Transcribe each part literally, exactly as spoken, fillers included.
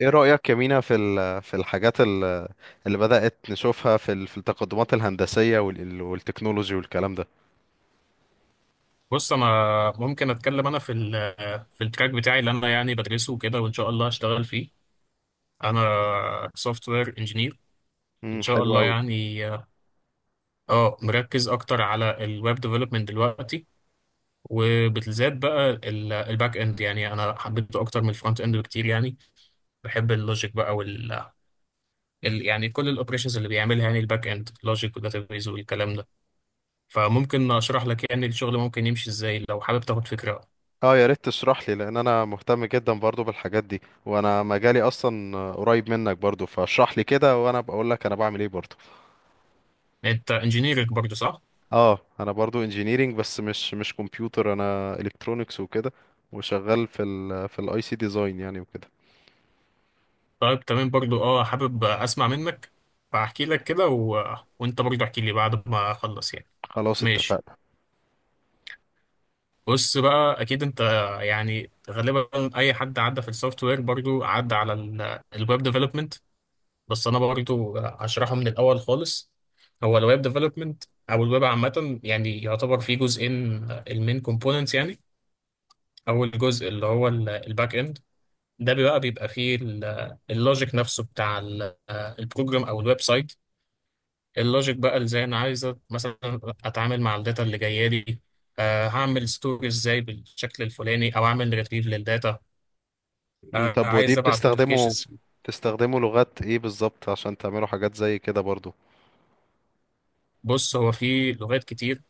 ايه رأيك يا مينا في ال- في الحاجات ال- اللي بدأت نشوفها في ال- في التقدمات الهندسية وال- والتكنولوجي والكلام ده. بص، انا ممكن اتكلم انا في ال في التراك بتاعي اللي انا يعني بدرسه وكده، وان شاء الله هشتغل فيه. انا سوفت وير انجينير، ان امم شاء حلو الله قوي. يعني. اه مركز اكتر على الويب ديفلوبمنت دلوقتي، وبالذات بقى ال- الباك اند، يعني انا حبيته اكتر من الفرونت اند بكتير يعني. بحب اللوجيك بقى، وال ال- يعني كل الاوبريشنز اللي بيعملها يعني، الباك اند لوجيك وداتابيز والكلام ده. فممكن اشرح لك يعني الشغل ممكن يمشي ازاي، لو حابب تاخد فكرة. اه يا ريت تشرح لي لان انا مهتم جدا برضو بالحاجات دي، وانا مجالي اصلا قريب منك برضو، فاشرح لي كده وانا بقول لك انا بعمل ايه برضو. انت انجينيرك برضه صح؟ اه انا برضو انجينيرينج بس مش مش كمبيوتر، انا الكترونكس وكده. وشغال في ال في الاي سي ديزاين يعني وكده. طيب تمام، برضو اه حابب اسمع منك، فاحكي لك كده، و... وانت برضو احكي لي بعد ما اخلص يعني. خلاص ماشي. اتفقنا. بص بقى، اكيد انت يعني غالبا اي حد عدى في السوفت وير برضو عدى على الويب ديفلوبمنت، بس انا برضو هشرحه من الاول خالص. هو الويب ديفلوبمنت او الويب عامه يعني يعتبر فيه جزئين، المين كومبوننتس يعني. اول جزء اللي هو الباك اند. ده بقى بيبقى فيه اللوجيك نفسه بتاع البروجرام او الويب سايت. اللوجيك بقى ازاي انا عايز أت- مثلا اتعامل مع الداتا اللي جايه لي، آه هعمل ستوري ازاي بالشكل الفلاني، او اعمل ريتريف للداتا، مم، آه طب ودي عايز ابعت بتستخدمه، نوتيفيكيشنز. بتستخدمه لغات ايه بالظبط عشان تعملوا حاجات زي كده برضو؟ بص هو في لغات كتير،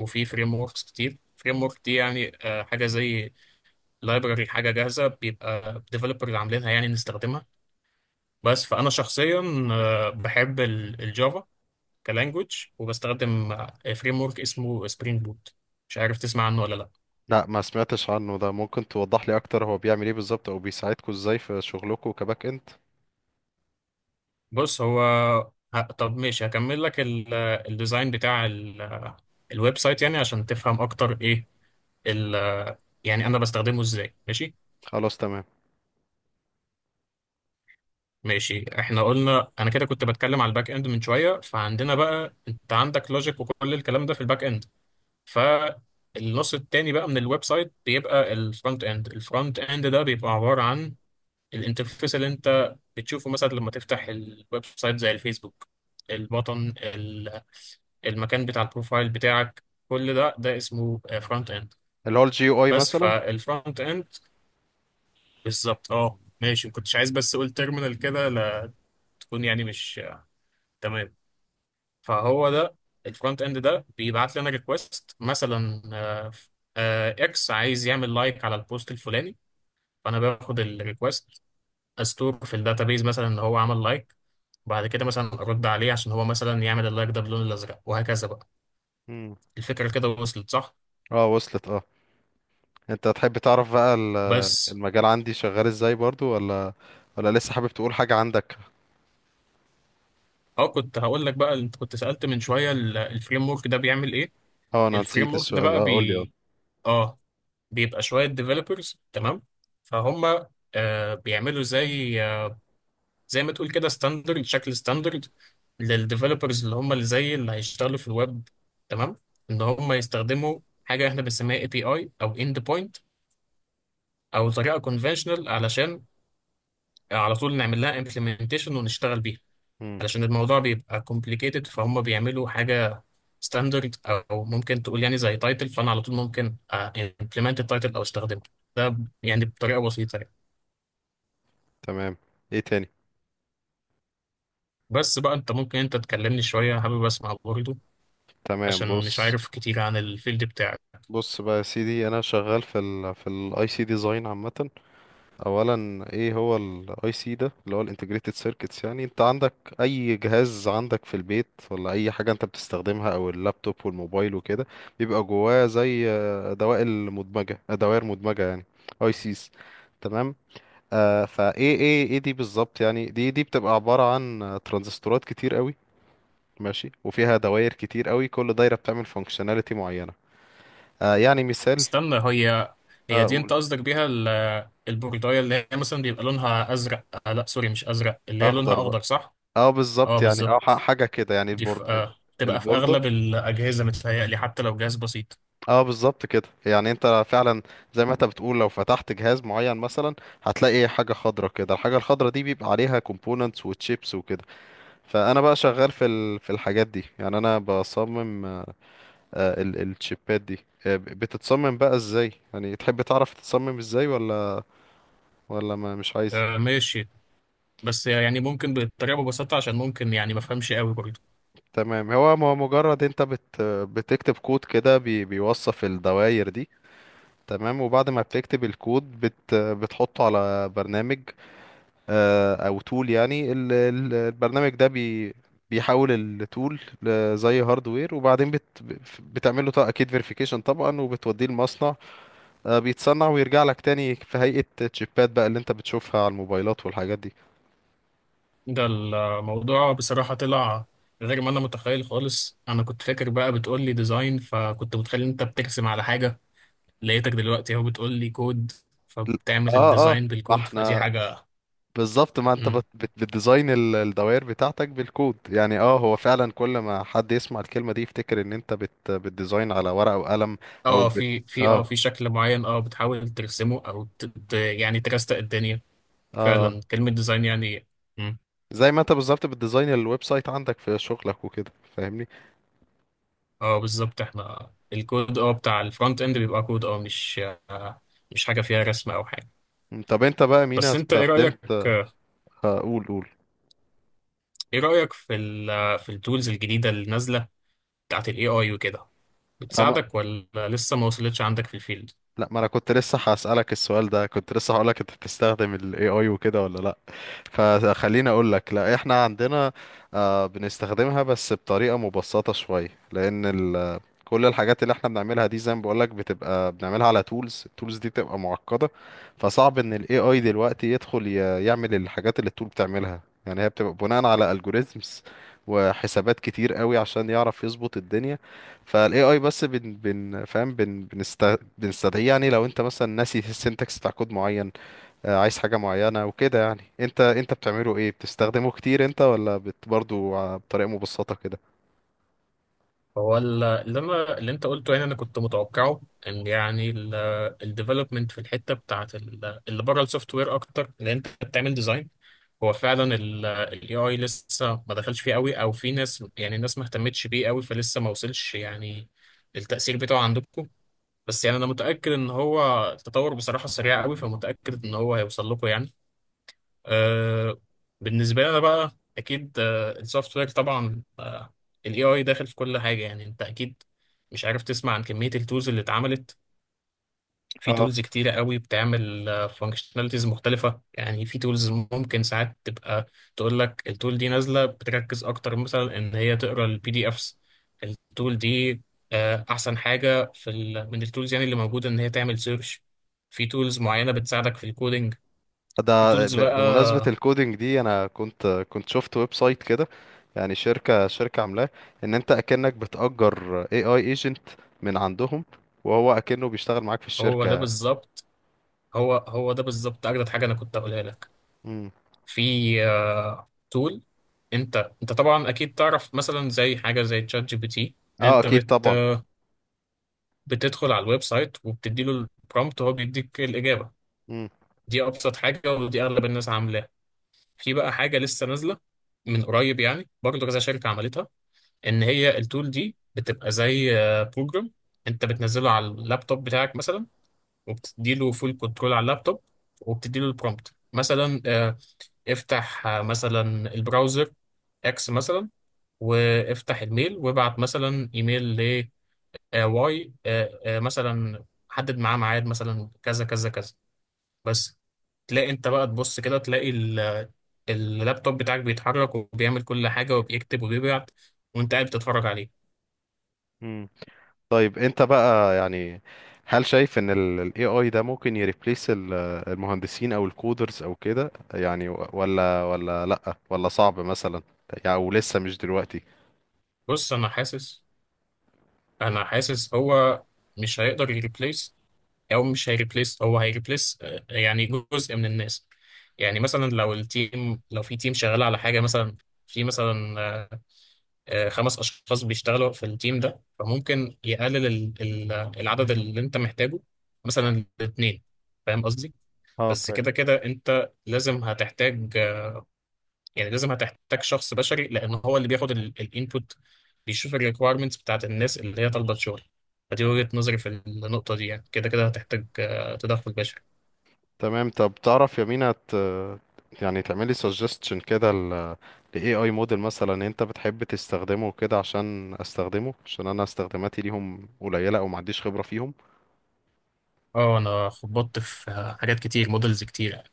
وفي فريم وركس كتير. فريم ورك دي يعني آه حاجه زي لايبراري، حاجه جاهزه بيبقى ديفلوبر اللي عاملينها يعني نستخدمها. بس فانا شخصيا آه بحب ال- الجافا كلانجوج، وبستخدم فريم ورك اسمه سبرينج بوت، مش عارف تسمع عنه ولا لا. لا ما سمعتش عنه ده، ممكن توضح لي اكتر هو بيعمل ايه بالظبط او بيساعدكم ازاي في شغلكم كباك اند؟ بص هو ه- طب ماشي، هكمل لك ال- الديزاين بتاع ال- الويب سايت يعني عشان تفهم اكتر ايه ال يعني انا بستخدمه ازاي. ماشي. خلاص تمام. ماشي، احنا قلنا انا كده كنت بتكلم على الباك اند من شويه. فعندنا بقى، انت عندك لوجيك وكل الكلام ده في الباك اند. فالنص التاني بقى من الويب سايت بيبقى الفرونت اند. الفرونت اند ده بيبقى عباره عن الانترفيس اللي انت بتشوفه مثلا لما تفتح الويب سايت زي الفيسبوك، البطن، المكان بتاع البروفايل بتاعك، كل ده ده اسمه فرونت اند. اللي هو الجي او اي بس مثلا. فالفرونت اند بالظبط، اه ماشي، ما كنتش عايز بس اقول تيرمينال كده، لا تكون يعني مش آه، تمام. فهو ده الفرونت اند، ده بيبعت لنا ريكوست مثلا، آه، آه، اكس عايز يعمل لايك على البوست الفلاني، فانا باخد الريكوست، استور في الداتابيز مثلا ان هو عمل لايك، وبعد كده مثلا ارد عليه عشان هو مثلا يعمل اللايك ده باللون الازرق، وهكذا بقى. مم. الفكره كده وصلت صح؟ اه وصلت اه. انت تحب تعرف بقى ال- بس المجال عندي شغال ازاي برضو ولا ولا لسه حابب تقول حاجة عندك؟ اه كنت هقول لك بقى، انت كنت سألت من شوية الفريم ورك ده بيعمل ايه. اه انا الفريم نسيت ورك ده السؤال، بقى اه قول لي اه. بي اه بيبقى شوية ديفلوبرز، تمام، فهم آه بيعملوا زي آه زي ما تقول كده ستاندرد، شكل ستاندرد للديفلوبرز اللي هم اللي زي اللي هيشتغلوا في الويب، تمام، ان هم يستخدموا حاجة احنا بنسميها اي بي اي او اند بوينت، او طريقة كونفشنال، علشان على طول نعمل لها امبلمنتيشن ونشتغل بيها. مم، علشان الموضوع بيبقى complicated، فهم بيعملوا حاجة ستاندرد، أو ممكن تقول يعني زي تايتل، فأنا على طول ممكن آه، implement التايتل أو استخدمه، ده يعني بطريقة بسيطة يعني. تمام. ايه تاني؟ بس بقى أنت، ممكن أنت تكلمني شوية، حابب أسمع برضه، تمام عشان مش بص. عارف كتير عن الفيلد بتاعك. بص بقى يا سيدي انا شغال في ال في الاي سي ديزاين عامة. اولا ايه هو الاي سي ده؟ اللي هو الانتجريتد سيركتس. يعني انت عندك اي جهاز عندك في البيت ولا اي حاجه انت بتستخدمها او اللابتوب والموبايل وكده، بيبقى جواه زي آه، دوائر مدمجه، آه، دوائر مدمجه يعني. اي سيز. تمام. آه فايه ايه ايه دي بالظبط؟ يعني دي دي بتبقى عباره عن آه، ترانزستورات كتير قوي، ماشي، وفيها دوائر كتير قوي، كل دايره بتعمل فانكشناليتي معينه. آه يعني مثال استنى، هي هي دي اقول، أنت قصدك بيها ال- البورداية اللي هي مثلا بيبقى لونها أزرق، آه لا سوري مش أزرق، اللي هي لونها اخضر بقى. أخضر صح؟ اه أه بالظبط يعني، اه ح- بالظبط، حاجه كده يعني، دي في البورد آه، تبقى في البورده. أغلب الأجهزة متهيألي حتى لو جهاز بسيط. اه بالظبط كده يعني، انت فعلا زي ما انت بتقول لو فتحت جهاز معين مثلا هتلاقي ايه حاجه خضرا كده، الحاجه الخضرا دي بيبقى عليها كومبوننتس وتشيبس وكده. فانا بقى شغال في ال... في الحاجات دي، يعني انا بصمم آه، ال... الشيبات دي. آه، ب- بتتصمم بقى ازاي يعني، تحب تعرف تتصمم ازاي ولا ولا ما مش عايز؟ آه، ماشي، بس يعني ممكن بطريقة ببساطة عشان ممكن يعني ما افهمش قوي برضه. تمام. هو هو مجرد انت بت... بتكتب كود كده بي... بيوصف الدوائر دي. تمام، وبعد ما بتكتب الكود بت بتحطه على برنامج، آه، او تول يعني، ال- ال- البرنامج ده بي بيحول التول زي هاردوير، وبعدين بت بتعمل له اكيد فيريفيكيشن طبعا وبتوديه المصنع. آه، بيتصنع ويرجع لك تاني في هيئة تشيبات بقى، اللي انت بتشوفها على الموبايلات والحاجات دي. ده الموضوع بصراحة طلع غير ما انا متخيل خالص. انا كنت فاكر بقى بتقول لي ديزاين، فكنت متخيل إن انت بترسم على حاجة، لقيتك دلوقتي اهو بتقول لي كود، ل- فبتعمل اه اه. الديزاين ما بالكود، فدي احنا حاجة. بالظبط، ما انت مم. بت... بت... بتديزاين ال- الدوائر بتاعتك بالكود يعني. اه هو فعلا كل ما حد يسمع الكلمة دي يفتكر ان انت بت... بتديزاين على ورقة وقلم او اه بت... في في اه اه في شكل معين، اه بتحاول ترسمه او ت... ت- يعني ترستق الدنيا، اه. فعلا كلمة ديزاين يعني. مم. زي ما انت بالظبط بتديزاين الويب سايت عندك في شغلك وكده، فاهمني. اه بالظبط، احنا الكود اه بتاع الفرونت اند بيبقى كود اه مش آه، مش حاجة فيها رسم او حاجة. م، طب انت بقى مينا بس انت ايه رأيك، استخدمت آه، قول، ايه رأيك في ال في التولز الجديدة اللي نازلة بتاعت الاي اي وكده، قول. بتساعدك ولا لسه ما وصلتش عندك في الفيلد؟ لا، ما انا كنت لسه هسألك السؤال ده، كنت لسه هقولك انت بتستخدم ال إيه آي وكده ولا لا. فخليني اقولك، لا احنا عندنا آه، بنستخدمها بس بطريقة مبسطة شوية، لان ال كل الحاجات اللي احنا بنعملها دي زي ما بقولك بتبقى بنعملها على تولز، التولز دي بتبقى معقدة. فصعب ان ال إيه آي دلوقتي يدخل ي- يعمل الحاجات اللي التول بتعملها. يعني هي بتبقى بناء على algorithms وحسابات كتير قوي عشان يعرف يظبط الدنيا. فالاي اي بس بن بن فاهم بن بنست بنستدعيه يعني لو انت مثلا ناسي السنتكس بتاع كود معين، آه، عايز حاجه معينه وكده يعني. انت انت بتعمله ايه؟ بتستخدمه كتير انت ولا بت برضه ع- بطريقه مبسطه كده؟ هو ال- اللي انا اللي انت قلته هنا انا كنت متوقعه، ان يعني الديفلوبمنت في الحتة بتاعت ال- اللي بره السوفت وير اكتر، اللي انت بتعمل ديزاين، هو فعلا الاي اي لسه ما دخلش فيه قوي، او في ناس يعني الناس ما اهتمتش بيه قوي، فلسه ما وصلش يعني التأثير بتاعه عندكم. بس يعني انا متاكد ان هو التطور بصراحه سريع قوي، فمتاكد ان هو هيوصل لكم يعني. أه، بالنسبه لي انا بقى، اكيد آه السوفت وير طبعا الاي اي داخل في كل حاجه. يعني انت اكيد مش عارف تسمع عن كميه التولز اللي اتعملت. في اه تولز كتيرة قوي بتعمل فانكشناليتيز مختلفة. يعني في تولز ممكن ساعات تبقى تقول لك التول دي نازلة بتركز أكتر مثلا إن هي تقرا البي دي إفس، التول دي آه، أحسن حاجة في ال من التولز يعني اللي موجودة إن هي تعمل سيرش. في تولز معينة بتساعدك في الكودينج. في ده، تولز ب- بمناسبه بقى، الكودينج دي انا كنت كنت شفت ويب سايت كده، يعني شركه شركه عاملاه ان انت اكنك بتأجر اي اي ايجنت من عندهم، وهو اكنه بيشتغل معاك في هو ده الشركه. بالظبط هو هو ده بالظبط أجدد حاجة أنا كنت أقولها لك. امم. في تول، انت انت طبعا اكيد تعرف مثلا زي حاجه زي تشات جي بي تي. اه انت اكيد بت طبعا. بتدخل على الويب سايت وبتدي له البرومبت، وهو بيديك الإجابة. دي أبسط حاجة، ودي أغلب الناس عاملاها. في بقى حاجة لسه نازلة من قريب، يعني برضه كذا شركة عملتها، إن هي التول دي بتبقى زي بروجرام أنت بتنزله على اللابتوب بتاعك مثلا، وبتدي له فول كنترول على اللابتوب، وبتدي له البرومبت مثلا، آه، افتح آه، مثلا البراوزر اكس مثلا، وافتح الميل وابعت مثلا ايميل، آه واي آه آه مثلا حدد معاه ميعاد مثلا كذا كذا كذا. بس تلاقي انت بقى تبص كده، تلاقي ال- اللابتوب بتاعك بيتحرك وبيعمل كل حاجة وبيكتب وبيبعت، وانت قاعد بتتفرج عليه. امم. طيب انت بقى يعني هل شايف ان ال ال إيه آي ده ممكن يريبليس المهندسين او الكودرز او كده يعني و- ولا ولا لأ، ولا صعب مثلا يعني، او لسه مش دلوقتي؟ بص، انا حاسس انا حاسس هو مش هيقدر يريبليس، او مش هيريبليس، هو هيريبليس آه، يعني جزء من الناس. يعني مثلا لو التيم، لو في تيم شغال على حاجة مثلا، في مثلا آه، خمس اشخاص بيشتغلوا في التيم ده، فممكن يقلل ال- ال- العدد اللي انت محتاجه مثلا لاثنين، فاهم قصدي. اه بس كده فاهم. كده انت لازم هتحتاج آه، يعني لازم هتحتاج شخص بشري، لان هو اللي بياخد الانبوت، بيشوف الريكويرمنتس بتاعت الناس اللي هي طالبه شغل. فدي وجهة نظري في النقطة دي، يعني كده كده هتحتاج آه، تدخل بشري. تمام. طب تعرف يا مينا ت- يعني تعملي suggestion كده ل ل إيه آي model مثلا انت بتحب تستخدمه كده عشان استخدمه، عشان انا استخداماتي ليهم قليلة او ما عنديش خبرة فيهم. اه انا خبطت في آه، حاجات كتير، مودلز كتير.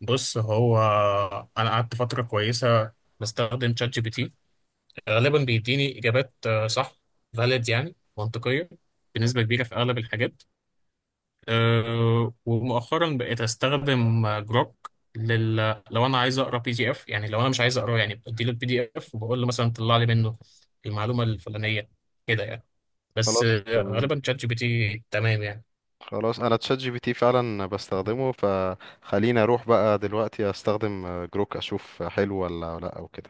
بص هو، انا قعدت فترة كويسة بستخدم شات جي بي تي، غالبا بيديني اجابات آه، صح، فاليد يعني منطقيه بنسبه كبيره في اغلب الحاجات. أه، ومؤخرا بقيت استخدم آه، جروك لل... لو انا عايز اقرا بي دي اف، يعني لو انا مش عايز اقراه، يعني بدي له البي دي اف وبقول له مثلا طلع لي منه المعلومه الفلانيه، كده يعني. بس خلاص آه، تمام. غالبا شات جي بي تي تمام يعني. خلاص انا تشات جي بي تي فعلا بستخدمه، فخليني اروح بقى دلوقتي استخدم آه، جروك اشوف حلو ولا لا او كده.